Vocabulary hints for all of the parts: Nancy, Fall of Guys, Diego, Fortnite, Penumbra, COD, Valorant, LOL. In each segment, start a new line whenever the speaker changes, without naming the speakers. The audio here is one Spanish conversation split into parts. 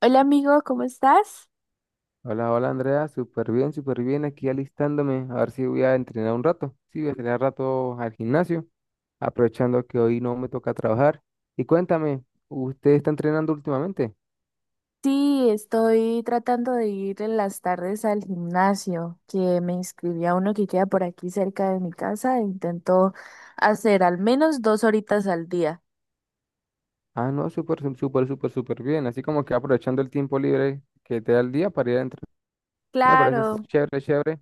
Hola amigo, ¿cómo estás?
Hola, hola Andrea, súper bien, aquí alistándome, a ver si voy a entrenar un rato, sí, voy a entrenar un rato al gimnasio, aprovechando que hoy no me toca trabajar. Y cuéntame, ¿usted está entrenando últimamente?
Sí, estoy tratando de ir en las tardes al gimnasio, que me inscribí a uno que queda por aquí cerca de mi casa e intento hacer al menos dos horitas al día.
Ah, no, súper, súper, súper, súper bien, así como que aprovechando el tiempo libre que te da el día para ir a entrenar, me parece
Claro,
chévere, chévere.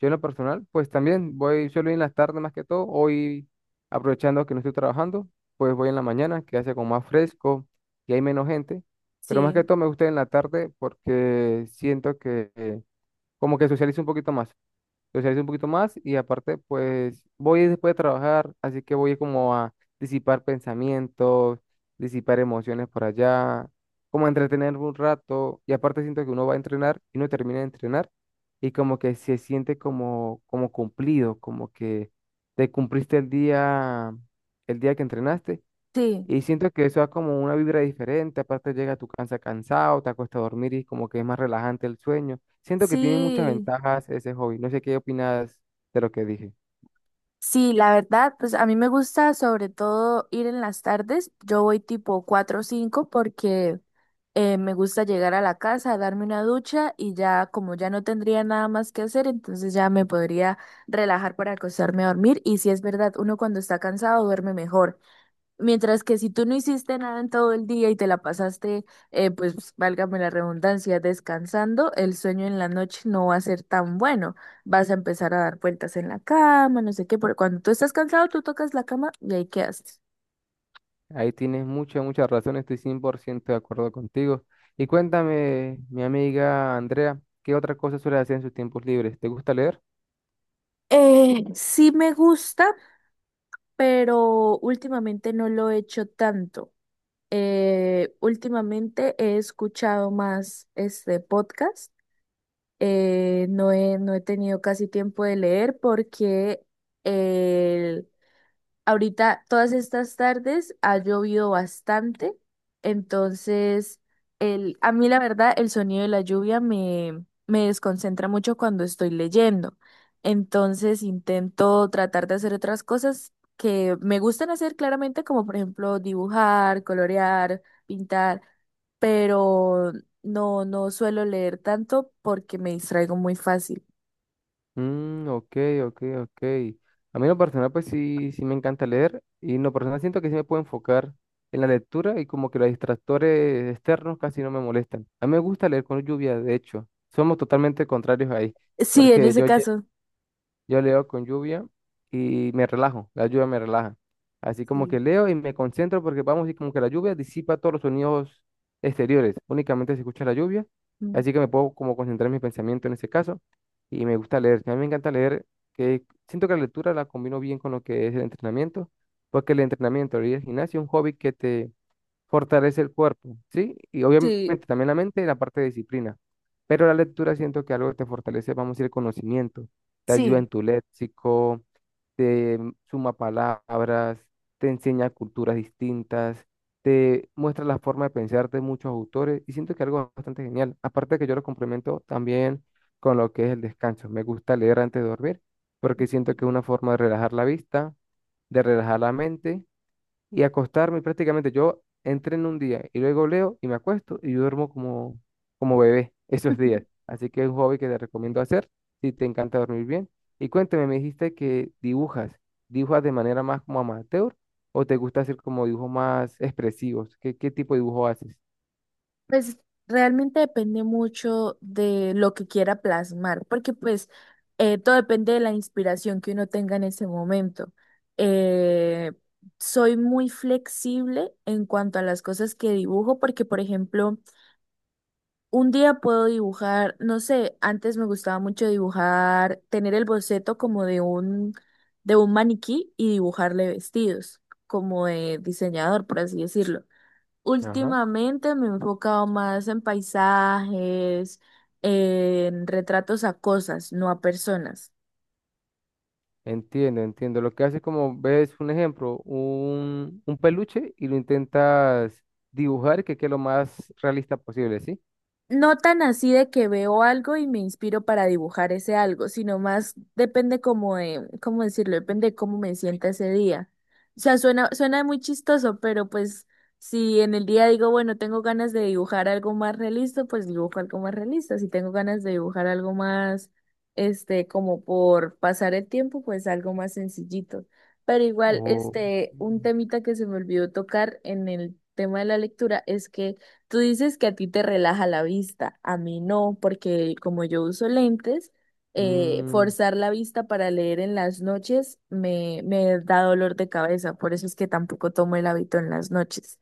Yo en lo personal, pues también voy, suelo ir en las tardes más que todo. Hoy, aprovechando que no estoy trabajando, pues voy en la mañana, que hace como más fresco y hay menos gente. Pero más que
sí,
todo me gusta ir en la tarde porque siento que como que socializo un poquito más y aparte, pues voy después de trabajar, así que voy como a disipar pensamientos, disipar emociones por allá, como a entretenerme un rato y aparte siento que uno va a entrenar y uno termina de entrenar y como que se siente como, como cumplido, como que te cumpliste el día que entrenaste
sí,
y siento que eso da como una vibra diferente, aparte llega a tu casa cansado, te acuestas a dormir y como que es más relajante el sueño. Siento que tiene muchas
sí,
ventajas ese hobby. No sé qué opinas de lo que dije.
sí, la verdad, pues a mí me gusta sobre todo ir en las tardes, yo voy tipo 4 o 5 porque... me gusta llegar a la casa, darme una ducha y ya como ya no tendría nada más que hacer, entonces ya me podría relajar para acostarme a dormir. Y si es verdad, uno cuando está cansado duerme mejor. Mientras que si tú no hiciste nada en todo el día y te la pasaste, pues válgame la redundancia, descansando, el sueño en la noche no va a ser tan bueno. Vas a empezar a dar vueltas en la cama, no sé qué, porque cuando tú estás cansado, tú tocas la cama y ahí quedaste.
Ahí tienes mucha, mucha razón, estoy 100% de acuerdo contigo. Y cuéntame, mi amiga Andrea, ¿qué otra cosa suele hacer en sus tiempos libres? ¿Te gusta leer?
Sí me gusta, pero últimamente no lo he hecho tanto. Últimamente he escuchado más este podcast. No he tenido casi tiempo de leer porque el- ahorita, todas estas tardes ha llovido bastante, entonces el, a mí la verdad el sonido de la lluvia me desconcentra mucho cuando estoy leyendo. Entonces intento tratar de hacer otras cosas que me gustan hacer claramente, como por ejemplo dibujar, colorear, pintar, pero no, no suelo leer tanto porque me distraigo muy fácil.
Mm, ok, ok, ok. A mí en lo personal, pues sí, sí me encanta leer y en lo personal siento que sí me puedo enfocar en la lectura y como que los distractores externos casi no me molestan. A mí me gusta leer con lluvia, de hecho. Somos totalmente contrarios ahí,
Sí, en
porque
ese
yo,
caso.
yo leo con lluvia y me relajo, la lluvia me relaja. Así como que
Sí.
leo y me concentro porque vamos y como que la lluvia disipa todos los sonidos exteriores, únicamente se escucha la lluvia,
Mm.
así que me puedo como concentrar mi pensamiento en ese caso y me gusta leer. A mí me encanta leer, que siento que la lectura la combino bien con lo que es el entrenamiento, porque el entrenamiento y el gimnasio es un hobby que te fortalece el cuerpo, ¿sí? Y
Sí,
obviamente también la mente y la parte de disciplina. Pero la lectura siento que algo que te fortalece, vamos a decir, el conocimiento. Te ayuda
sí.
en tu léxico, te suma palabras, te enseña culturas distintas, te muestra la forma de pensar de muchos autores y siento que algo bastante genial. Aparte de que yo lo complemento también con lo que es el descanso. Me gusta leer antes de dormir porque siento que es una forma de relajar la vista, de relajar la mente y acostarme prácticamente. Yo entreno un día y luego leo y me acuesto y yo duermo como, como bebé esos días. Así que es un hobby que te recomiendo hacer si te encanta dormir bien. Y cuéntame, me dijiste que dibujas. ¿Dibujas de manera más como amateur o te gusta hacer como dibujos más expresivos? ¿Qué, qué tipo de dibujo haces?
Pues realmente depende mucho de lo que quiera plasmar, porque pues todo depende de la inspiración que uno tenga en ese momento. Eh, Soy muy flexible en cuanto a las cosas que dibujo, porque por ejemplo, un día puedo dibujar, no sé, antes me gustaba mucho dibujar, tener el boceto como de de un maniquí y dibujarle vestidos, como de diseñador, por así decirlo.
Ajá.
Últimamente me he enfocado más en paisajes, en retratos a cosas, no a personas.
Entiendo, entiendo. Lo que haces como ves un ejemplo, un peluche y lo intentas dibujar que quede lo más realista posible, ¿sí?
No tan así de que veo algo y me inspiro para dibujar ese algo, sino más depende como de, ¿cómo decirlo? Depende de cómo me sienta ese día. O sea, suena muy chistoso, pero pues si en el día digo, bueno, tengo ganas de dibujar algo más realista, pues dibujo algo más realista. Si tengo ganas de dibujar algo más, este, como por pasar el tiempo, pues algo más sencillito. Pero igual,
O...
este, un temita que se me olvidó tocar en el tema de la lectura es que tú dices que a ti te relaja la vista, a mí no, porque como yo uso lentes,
Mm,
forzar la vista para leer en las noches me da dolor de cabeza, por eso es que tampoco tomo el hábito en las noches.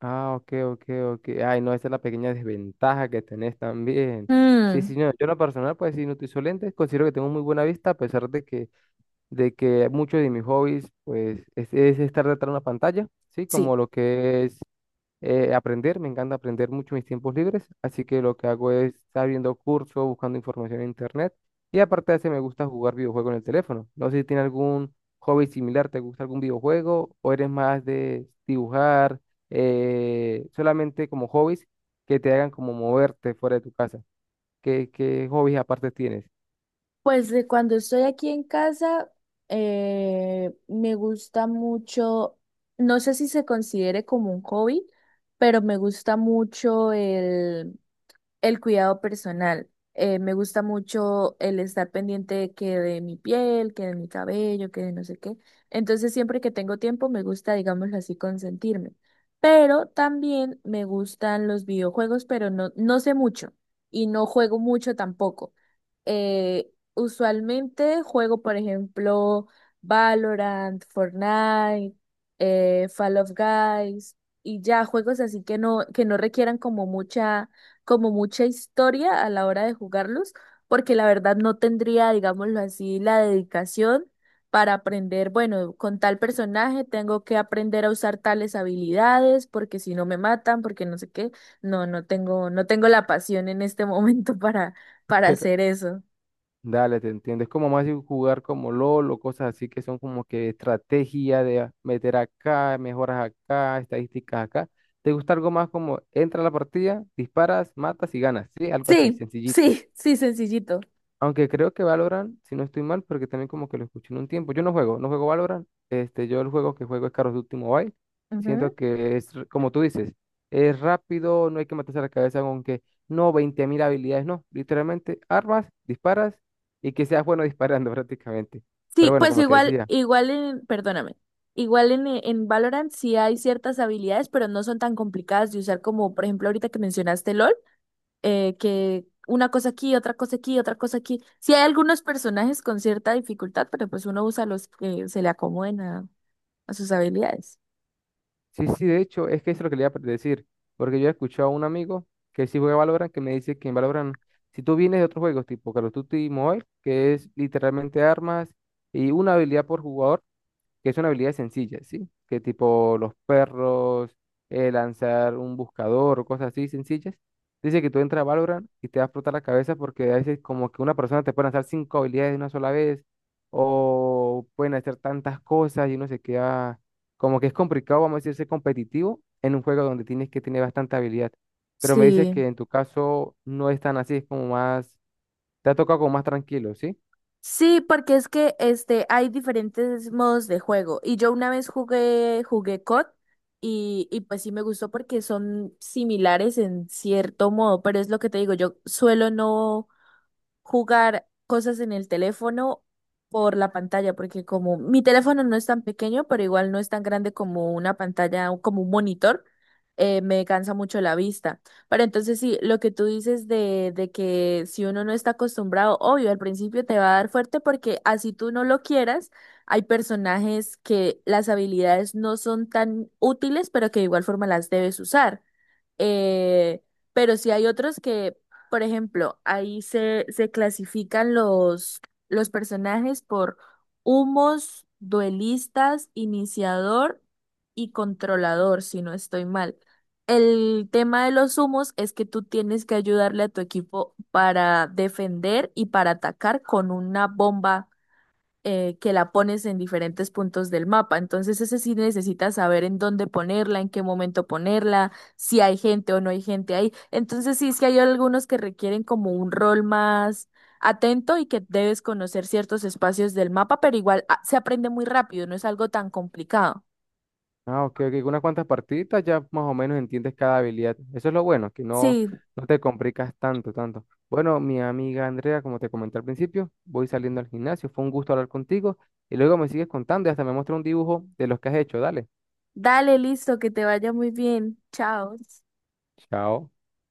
ah, ok, ok, ok. Ay, no, esa es la pequeña desventaja que tenés también. Sí,
Mm,
sí, no, yo en lo personal, pues sí, no utilizo lentes, considero que tengo muy buena vista, a pesar de que muchos de mis hobbies, pues, es estar detrás de una pantalla, ¿sí?
sí,
Como lo que es aprender, me encanta aprender mucho en mis tiempos libres, así que lo que hago es estar viendo cursos, buscando información en internet y aparte de eso me gusta jugar videojuegos en el teléfono. No sé si tiene algún hobby similar, ¿te gusta algún videojuego o eres más de dibujar solamente como hobbies que te hagan como moverte fuera de tu casa? ¿Qué, qué hobbies aparte tienes?
pues de cuando estoy aquí en casa, me gusta mucho, no sé si se considere como un hobby, pero me gusta mucho el cuidado personal. Me gusta mucho el estar pendiente de que de mi piel, que de mi cabello, que de no sé qué. Entonces, siempre que tengo tiempo, me gusta, digámoslo así, consentirme. Pero también me gustan los videojuegos, pero no, no sé mucho y no juego mucho tampoco. Usualmente juego, por ejemplo, Valorant, Fortnite, Fall of Guys y ya juegos así que no requieran como mucha historia a la hora de jugarlos, porque la verdad no tendría, digámoslo así, la dedicación para aprender, bueno, con tal personaje tengo que aprender a usar tales habilidades, porque si no me matan, porque no sé qué. No, no tengo la pasión en este momento para hacer eso.
Dale, te entiendo. Es como más de jugar como LOL o cosas así que son como que estrategia de meter acá, mejoras acá, estadísticas acá. ¿Te gusta algo más como entra a la partida, disparas, matas y ganas? Sí, algo así,
Sí,
sencillito.
sí, sí, sencillito.
Aunque creo que Valorant, si no estoy mal, porque también como que lo escuché en un tiempo. Yo no juego, no juego Valorant. Este, yo el juego que juego es Call of Duty Mobile. Siento que es, como tú dices, es rápido, no hay que matarse la cabeza con que no, 20 mil habilidades, no. Literalmente, armas, disparas y que seas bueno disparando prácticamente. Pero
Sí,
bueno,
pues
como te decía,
perdóname, igual en Valorant sí hay ciertas habilidades, pero no son tan complicadas de usar como, por ejemplo, ahorita que mencionaste LOL, que una cosa aquí, otra cosa aquí, otra cosa aquí. Sí hay algunos personajes con cierta dificultad, pero pues uno usa los que se le acomoden a sus habilidades.
sí, sí, de hecho, es que eso es lo que le iba a decir, porque yo he escuchado a un amigo que sí juega Valorant, que me dice que en Valorant, si tú vienes de otros juegos tipo Call of Duty Mobile, que es literalmente armas y una habilidad por jugador, que son habilidades sencillas, ¿sí? Que tipo los perros, lanzar un buscador o cosas así sencillas. Dice que tú entras a Valorant y te va a explotar la cabeza porque a veces como que una persona te puede lanzar 5 habilidades de una sola vez o pueden hacer tantas cosas y uno se queda como que es complicado, vamos a decir, ser competitivo en un juego donde tienes que tener bastante habilidad. Pero me dices
Sí.
que en tu caso no es tan así, es como más, te ha tocado como más tranquilo, ¿sí?
Sí, porque es que este hay diferentes modos de juego y yo una vez jugué COD y pues sí me gustó porque son similares en cierto modo, pero es lo que te digo, yo suelo no jugar cosas en el teléfono por la pantalla, porque como mi teléfono no es tan pequeño, pero igual no es tan grande como una pantalla, o como un monitor, me cansa mucho la vista. Pero entonces sí, lo que tú dices de que si uno no está acostumbrado, obvio, al principio te va a dar fuerte porque así tú no lo quieras, hay personajes que las habilidades no son tan útiles, pero que de igual forma las debes usar. Eh, pero sí hay otros que por ejemplo, ahí se clasifican los personajes por humos, duelistas, iniciador y controlador, si no estoy mal. El tema de los humos es que tú tienes que ayudarle a tu equipo para defender y para atacar con una bomba que la pones en diferentes puntos del mapa. Entonces, ese sí necesitas saber en dónde ponerla, en qué momento ponerla, si hay gente o no hay gente ahí. Entonces, sí, es que hay algunos que requieren como un rol más atento y que debes conocer ciertos espacios del mapa, pero igual ah, se aprende muy rápido, no es algo tan complicado.
Ah, ok, ok. Unas cuantas partiditas ya más o menos entiendes cada habilidad. Eso es lo bueno, que no,
Sí,
no te complicas tanto, tanto. Bueno, mi amiga Andrea, como te comenté al principio, voy saliendo al gimnasio. Fue un gusto hablar contigo. Y luego me sigues contando y hasta me muestra un dibujo de los que has hecho. Dale.
dale, listo, que te vaya muy bien. Chao.
Chao.